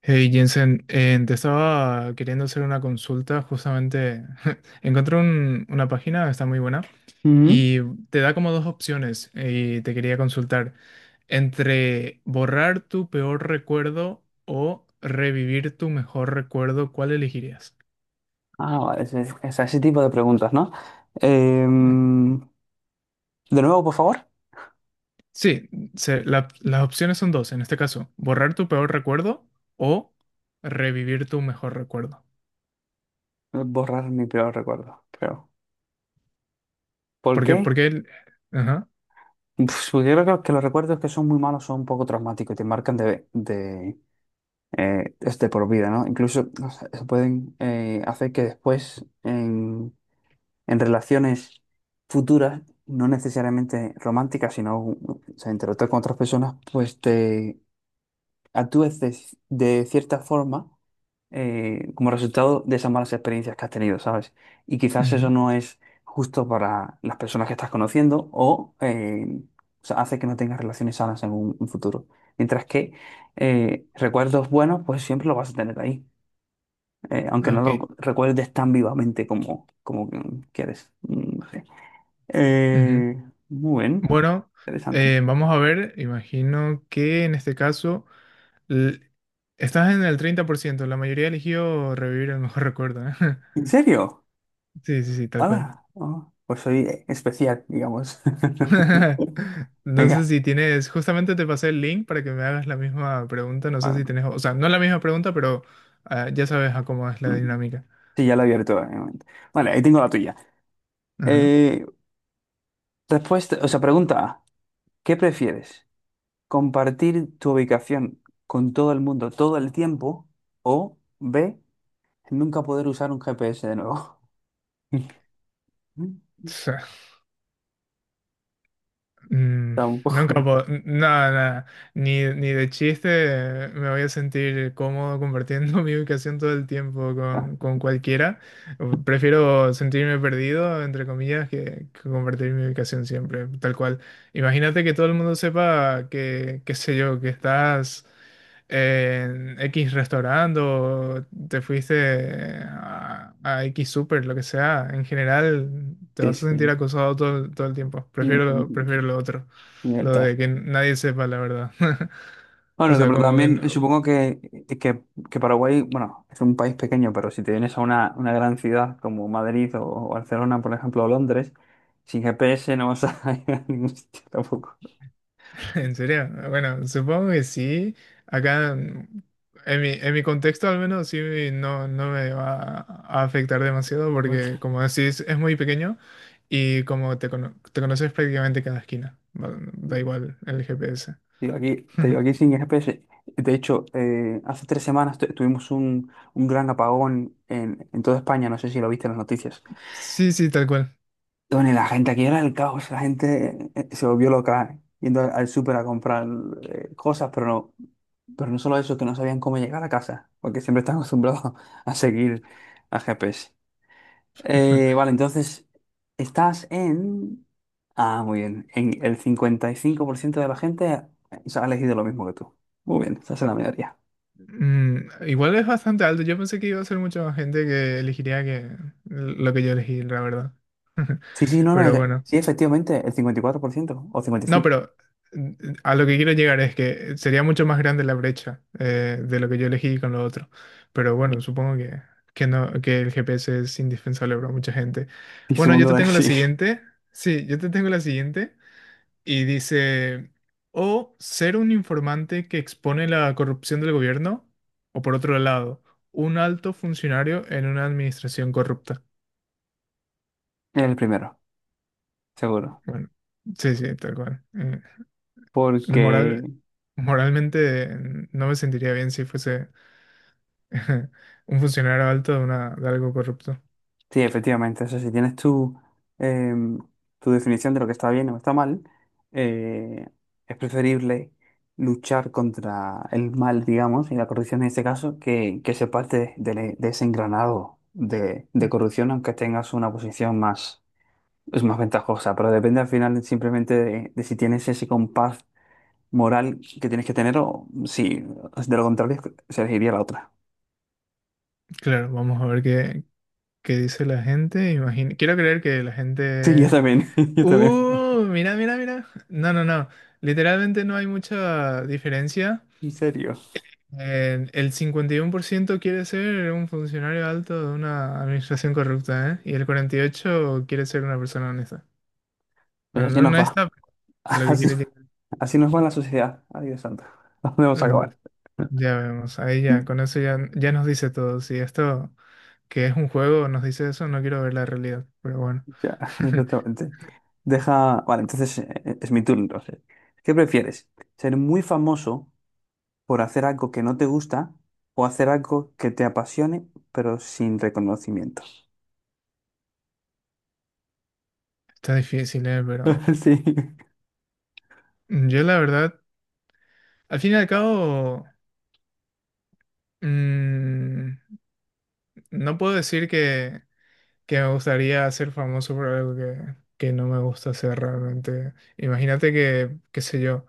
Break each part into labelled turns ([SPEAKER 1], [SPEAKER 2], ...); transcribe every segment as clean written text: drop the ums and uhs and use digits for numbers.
[SPEAKER 1] Hey Jensen, te estaba queriendo hacer una consulta, justamente encontré una página, está muy buena,
[SPEAKER 2] Ujú.
[SPEAKER 1] y te da como dos opciones, y te quería consultar, entre borrar tu peor recuerdo o revivir tu mejor recuerdo, ¿cuál elegirías?
[SPEAKER 2] Ah, ese sí, ese tipo de preguntas, ¿no?
[SPEAKER 1] Ujú.
[SPEAKER 2] Em, de nuevo, por favor,
[SPEAKER 1] Sí, las opciones son dos, en este caso, borrar tu peor recuerdo o revivir tu mejor recuerdo.
[SPEAKER 2] borrar mi peor recuerdo, creo. ¿Por
[SPEAKER 1] Porque,
[SPEAKER 2] qué?
[SPEAKER 1] porque, ajá,
[SPEAKER 2] Pues, porque yo creo que los recuerdos que son muy malos son un poco traumáticos y te marcan de, es de por vida, ¿no? Incluso no sé, se pueden hacer que después en relaciones futuras, no necesariamente románticas, sino o sea, interactuar con otras personas, pues te actúes de cierta forma como resultado de esas malas experiencias que has tenido, ¿sabes? Y quizás eso
[SPEAKER 1] ujú,
[SPEAKER 2] no es justo para las personas que estás conociendo o sea, hace que no tengas relaciones sanas en un futuro. Mientras que recuerdos buenos, pues siempre lo vas a tener ahí, aunque no
[SPEAKER 1] ok,
[SPEAKER 2] lo recuerdes tan vivamente como que quieres. No sé.
[SPEAKER 1] ujú.
[SPEAKER 2] Eh, Muy bien,
[SPEAKER 1] Bueno,
[SPEAKER 2] interesante.
[SPEAKER 1] vamos a ver, imagino que en este caso l- estás en el 30%. La mayoría eligió revivir el mejor recuerdo, ¿eh?
[SPEAKER 2] ¿En serio?
[SPEAKER 1] Sí, sí, sí, tal cual.
[SPEAKER 2] Hola, oh, pues soy especial, digamos.
[SPEAKER 1] No sé
[SPEAKER 2] Venga,
[SPEAKER 1] si tienes, justamente te pasé el link para que me hagas la misma pregunta, no sé
[SPEAKER 2] ah,
[SPEAKER 1] si tienes, o sea, no la misma pregunta, pero ya sabes a cómo es la
[SPEAKER 2] mm,
[SPEAKER 1] dinámica.
[SPEAKER 2] sí, ya lo he abierto. Un momento. Vale, ahí tengo la tuya.
[SPEAKER 1] Ajá.
[SPEAKER 2] Eh, Respuesta, o sea, pregunta A, ¿qué prefieres? ¿Compartir tu ubicación con todo el mundo todo el tiempo? O B, nunca poder usar un GPS de nuevo.
[SPEAKER 1] Mm, nunca
[SPEAKER 2] Tampoco.
[SPEAKER 1] puedo, nada, nada, ni de chiste, me voy a sentir cómodo compartiendo mi ubicación todo el tiempo
[SPEAKER 2] Ah,
[SPEAKER 1] con cualquiera. Prefiero sentirme perdido, entre comillas, que compartir mi ubicación siempre, tal cual. Imagínate que todo el mundo sepa que, qué sé yo, que estás en X restaurante o te fuiste a X super, lo que sea. En general te
[SPEAKER 2] sí,
[SPEAKER 1] vas a sentir
[SPEAKER 2] sí.
[SPEAKER 1] acosado todo, todo el tiempo.
[SPEAKER 2] Mm,
[SPEAKER 1] Prefiero lo otro, lo
[SPEAKER 2] Libertad.
[SPEAKER 1] de que nadie sepa la verdad. O
[SPEAKER 2] Bueno,
[SPEAKER 1] sea,
[SPEAKER 2] pero
[SPEAKER 1] como que
[SPEAKER 2] también
[SPEAKER 1] no-
[SPEAKER 2] supongo que Paraguay, bueno, es un país pequeño, pero si te vienes a una gran ciudad como Madrid o Barcelona, por ejemplo, o Londres, sin GPS no vas a ir a ningún sitio tampoco.
[SPEAKER 1] ¿En serio? Bueno, supongo que sí. Acá, en en mi contexto al menos sí, no me va a afectar demasiado
[SPEAKER 2] Vamos.
[SPEAKER 1] porque como decís es muy pequeño, y como te conoces prácticamente cada esquina. Da igual el GPS.
[SPEAKER 2] Digo, aquí, te digo, aquí sin GPS. De hecho, hace 3 semanas tuvimos un gran apagón en toda España, no sé si lo viste en las noticias.
[SPEAKER 1] Sí, sí, tal cual.
[SPEAKER 2] Bueno, y la gente aquí era el caos, la gente se volvió loca, ¿eh?, yendo al súper a comprar cosas, pero no, no solo eso, que no sabían cómo llegar a casa, porque siempre están acostumbrados a seguir a GPS. Vale, entonces, estás en. Ah, muy bien, en el 55% de la gente o ha elegido lo mismo que tú. Muy bien, esa es la mayoría.
[SPEAKER 1] Igual es bastante alto. Yo pensé que iba a ser mucha más gente que elegiría que lo que yo elegí, la verdad.
[SPEAKER 2] Sí, sí, no, no,
[SPEAKER 1] Pero bueno.
[SPEAKER 2] sí, efectivamente, el 54% o
[SPEAKER 1] No,
[SPEAKER 2] 55%.
[SPEAKER 1] pero mm, a lo que quiero llegar es que sería mucho más grande la brecha, de lo que yo elegí con lo otro. Pero bueno, supongo que, no, que el GPS es indispensable para mucha gente.
[SPEAKER 2] Y
[SPEAKER 1] Bueno, yo
[SPEAKER 2] supongo
[SPEAKER 1] te
[SPEAKER 2] que
[SPEAKER 1] tengo la
[SPEAKER 2] sí, es
[SPEAKER 1] siguiente. Sí, yo te tengo la siguiente. Y dice, o ser un informante que expone la corrupción del gobierno, o por otro lado, un alto funcionario en una administración corrupta.
[SPEAKER 2] el primero, seguro.
[SPEAKER 1] Bueno, sí, sí, tal cual.
[SPEAKER 2] Porque.
[SPEAKER 1] Moral, moralmente, no me sentiría bien si fuese un funcionario alto de algo corrupto.
[SPEAKER 2] Sí, efectivamente. O sea, si tienes em, tu definición de lo que está bien o está mal, eh, es preferible luchar contra el mal, digamos, y la corrupción en este caso, que ser parte de ese engranado de
[SPEAKER 1] Mm.
[SPEAKER 2] corrupción, aunque tengas una posición más, es más ventajosa. Pero depende al final simplemente de si tienes ese compás moral que tienes que tener o si de lo contrario se elegiría la otra.
[SPEAKER 1] Claro, vamos a ver qué, dice la gente. Imagino, quiero creer que la
[SPEAKER 2] Sí, yo
[SPEAKER 1] gente…
[SPEAKER 2] también, yo también.
[SPEAKER 1] ¡Uh! Mira, mira, mira. No, no, no. Literalmente no hay mucha diferencia.
[SPEAKER 2] En serio.
[SPEAKER 1] El 51% quiere ser un funcionario alto de una administración corrupta, ¿eh? Y el 48% quiere ser una persona honesta.
[SPEAKER 2] Pues
[SPEAKER 1] Bueno,
[SPEAKER 2] así
[SPEAKER 1] no,
[SPEAKER 2] nos
[SPEAKER 1] no
[SPEAKER 2] va.
[SPEAKER 1] está lo que
[SPEAKER 2] Así,
[SPEAKER 1] quiere llegar.
[SPEAKER 2] así nos va la sociedad. Ay, Dios santo. ¿Dónde vamos a
[SPEAKER 1] Mm.
[SPEAKER 2] acabar?
[SPEAKER 1] Ya vemos, ahí ya, con eso ya, ya nos dice todo. Si esto que es un juego nos dice eso, no quiero ver la realidad. Pero bueno,
[SPEAKER 2] Ya, exactamente. Deja. Vale, entonces es mi turno. Entonces, ¿qué prefieres? ¿Ser muy famoso por hacer algo que no te gusta o hacer algo que te apasione pero sin reconocimiento?
[SPEAKER 1] está difícil, ¿eh? Pero
[SPEAKER 2] Sí.
[SPEAKER 1] yo la verdad, al fin y al cabo, mm, no puedo decir que, me gustaría ser famoso por algo que, no me gusta hacer realmente. Imagínate que, qué sé yo,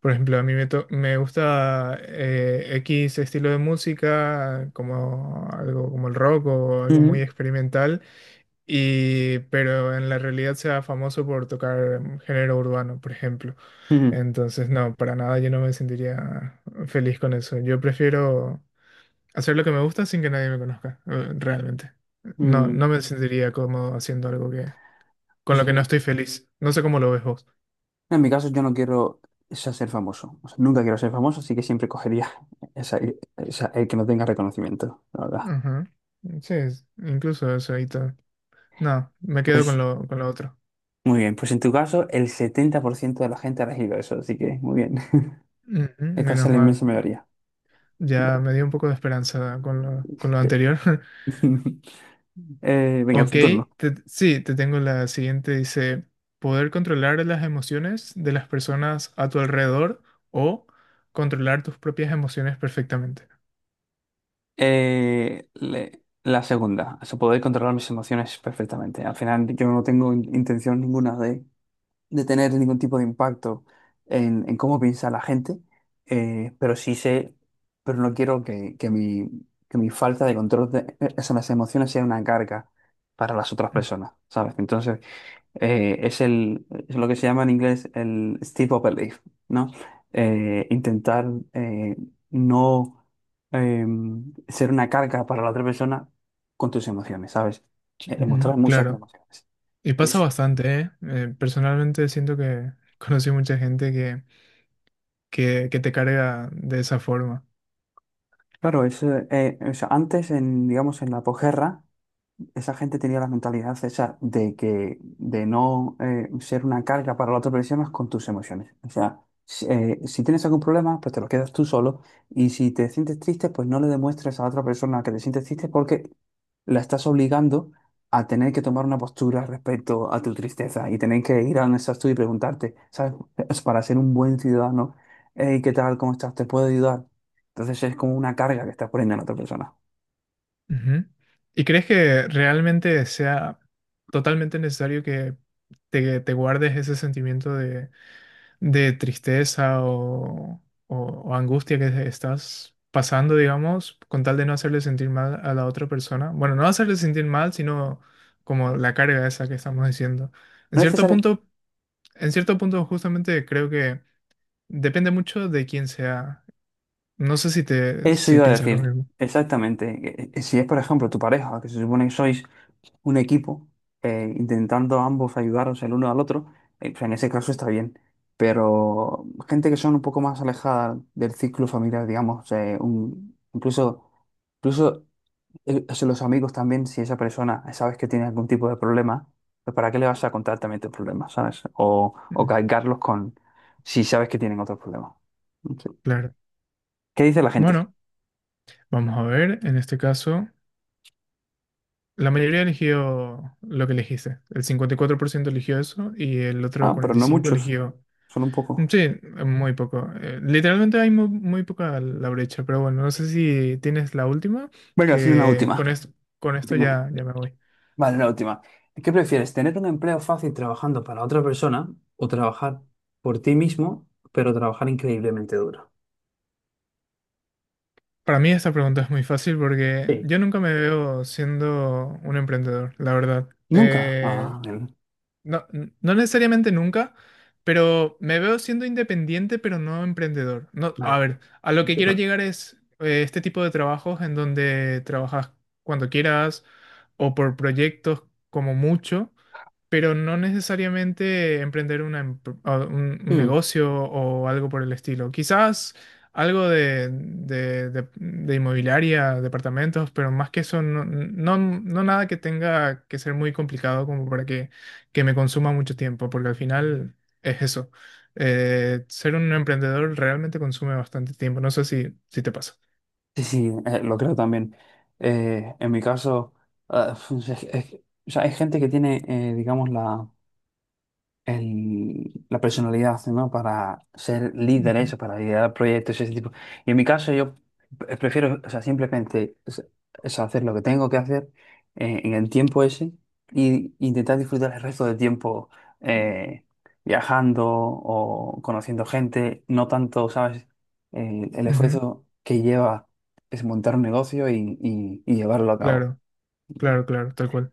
[SPEAKER 1] por ejemplo, a mí me gusta, X estilo de música, como algo como el rock o algo muy
[SPEAKER 2] Ujú,
[SPEAKER 1] experimental. Y, pero en la realidad sea famoso por tocar, género urbano, por ejemplo.
[SPEAKER 2] ujú,
[SPEAKER 1] Entonces, no, para nada yo no me sentiría feliz con eso. Yo prefiero hacer lo que me gusta sin que nadie me conozca, realmente. No,
[SPEAKER 2] mm.
[SPEAKER 1] no me sentiría cómodo haciendo algo que, con
[SPEAKER 2] Pues
[SPEAKER 1] lo
[SPEAKER 2] en
[SPEAKER 1] que no
[SPEAKER 2] mi,
[SPEAKER 1] estoy feliz. No sé cómo lo ves vos.
[SPEAKER 2] en mi caso, yo no quiero ser famoso. O sea, nunca quiero ser famoso, así que siempre cogería esa, el que no tenga reconocimiento, la verdad.
[SPEAKER 1] Ajá. Sí, incluso eso y todo. No, me quedo con con lo otro.
[SPEAKER 2] Muy bien, pues en tu caso el 70% de la gente ha elegido eso, así que muy bien.
[SPEAKER 1] Ujú,
[SPEAKER 2] Esta es
[SPEAKER 1] menos
[SPEAKER 2] la
[SPEAKER 1] mal.
[SPEAKER 2] inmensa mayoría.
[SPEAKER 1] Ya me dio un poco de esperanza con con lo anterior.
[SPEAKER 2] Venga,
[SPEAKER 1] Ok,
[SPEAKER 2] tu turno.
[SPEAKER 1] sí, te tengo la siguiente. Dice, poder controlar las emociones de las personas a tu alrededor o controlar tus propias emociones perfectamente.
[SPEAKER 2] La segunda, o sea, poder controlar mis emociones perfectamente. Al final yo no tengo intención ninguna de tener ningún tipo de impacto en cómo piensa la gente, pero sí sé, pero no quiero que mi falta de control esas las emociones sea una carga para las otras
[SPEAKER 1] Mm,
[SPEAKER 2] personas, ¿sabes? Entonces. Es lo que se llama en inglés el steep up belief, ¿no? Intentar eh, no eh, ser una carga para la otra persona con tus emociones, ¿sabes?
[SPEAKER 1] ujú,
[SPEAKER 2] Mostrar muchas
[SPEAKER 1] claro,
[SPEAKER 2] emociones.
[SPEAKER 1] y pasa
[SPEAKER 2] Es,
[SPEAKER 1] bastante, ¿eh? Personalmente siento que conocí mucha gente que te carga de esa forma.
[SPEAKER 2] claro, o sea, antes, digamos, en la posguerra, esa gente tenía la mentalidad esa de que de no ser una carga para la otra persona con tus emociones. O sea, si tienes algún problema, pues te lo quedas tú solo y si te sientes triste, pues no le demuestres a la otra persona que te sientes triste porque la estás obligando a tener que tomar una postura respecto a tu tristeza y tener que ir a un tú y preguntarte, ¿sabes? Es Para ser un buen ciudadano, "Hey, ¿qué tal? ¿Cómo estás? ¿Te puedo ayudar? Entonces es como una carga que estás poniendo a la otra persona.
[SPEAKER 1] Ujú. ¿Y crees que realmente sea totalmente necesario que te guardes ese sentimiento de tristeza, o- o angustia que estás pasando, digamos, con tal de no hacerle sentir mal a la otra persona? Bueno, no hacerle sentir mal, sino como la carga esa que estamos diciendo. En
[SPEAKER 2] No es
[SPEAKER 1] cierto
[SPEAKER 2] necesario.
[SPEAKER 1] punto, en cierto punto justamente creo que depende mucho de quién sea. No sé si
[SPEAKER 2] Eso
[SPEAKER 1] si
[SPEAKER 2] iba a
[SPEAKER 1] piensas lo
[SPEAKER 2] decir,
[SPEAKER 1] mismo.
[SPEAKER 2] exactamente. Si es, por ejemplo, tu pareja, que se supone que sois un equipo, intentando ambos ayudaros el uno al otro, pues en ese caso está bien. Pero gente que son un poco más alejada del círculo familiar, digamos, incluso, o sea, los amigos también, si esa persona sabes que tiene algún tipo de problema, pues ¿para qué le vas a contar también tus problemas, ¿sabes? O
[SPEAKER 1] Mm,
[SPEAKER 2] cargarlos con si sabes que tienen otros problemas. No sé.
[SPEAKER 1] claro.
[SPEAKER 2] ¿Qué dice la gente?
[SPEAKER 1] Bueno, vamos a ver, en este caso, la mayoría eligió lo que elegiste. El 54% eligió eso y el otro
[SPEAKER 2] Ah, pero no muchos,
[SPEAKER 1] 45% eligió.
[SPEAKER 2] solo un poco.
[SPEAKER 1] Sí, muy poco. Literalmente hay muy poca la brecha, pero bueno, no sé si tienes la última,
[SPEAKER 2] Venga, sí, una
[SPEAKER 1] que
[SPEAKER 2] última.
[SPEAKER 1] con esto
[SPEAKER 2] Última.
[SPEAKER 1] ya, ya me voy.
[SPEAKER 2] Vale, la última. ¿Qué prefieres, tener un empleo fácil trabajando para otra persona o trabajar por ti mismo, pero trabajar increíblemente duro?
[SPEAKER 1] Para mí esta pregunta es muy fácil porque
[SPEAKER 2] Sí,
[SPEAKER 1] yo nunca me veo siendo un emprendedor, la verdad.
[SPEAKER 2] nunca. Ah, bien.
[SPEAKER 1] No, no necesariamente nunca, pero me veo siendo independiente, pero no emprendedor. No, a
[SPEAKER 2] Vale.
[SPEAKER 1] ver, a lo que
[SPEAKER 2] Sí,
[SPEAKER 1] quiero
[SPEAKER 2] claro.
[SPEAKER 1] llegar es, este tipo de trabajos en donde trabajas cuando quieras o por proyectos como mucho, pero no necesariamente emprender una un
[SPEAKER 2] Mm,
[SPEAKER 1] negocio o algo por el estilo. Quizás algo de inmobiliaria, departamentos, pero más que eso, no, no, no nada que tenga que ser muy complicado como para que me consuma mucho tiempo, porque al final es eso. Ser un emprendedor realmente consume bastante tiempo. No sé si te pasa.
[SPEAKER 2] sí, sí, lo creo también. En mi caso, ah, es- es- o sea, hay gente que tiene, digamos, la personalidad, ¿no? Para ser
[SPEAKER 1] Ujú,
[SPEAKER 2] líderes, para liderar proyectos, ese tipo. Y en mi caso, yo prefiero, o sea, simplemente es hacer lo que tengo que hacer en el tiempo ese y intentar disfrutar el resto del tiempo eh, viajando o conociendo gente, no tanto, ¿sabes? El
[SPEAKER 1] ujú,
[SPEAKER 2] esfuerzo que lleva es montar un negocio y llevarlo a cabo.
[SPEAKER 1] claro, claro, claro, tal cual.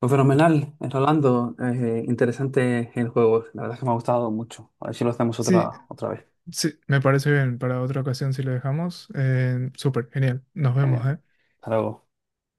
[SPEAKER 2] Pues fenomenal, Rolando. Interesante el juego. La verdad es que me ha gustado mucho. A ver si lo hacemos
[SPEAKER 1] Sí,
[SPEAKER 2] otra vez.
[SPEAKER 1] sí, me parece bien. Para otra ocasión, si lo dejamos, súper, genial. Nos vemos,
[SPEAKER 2] Eh,
[SPEAKER 1] ¿eh?
[SPEAKER 2] Hasta luego.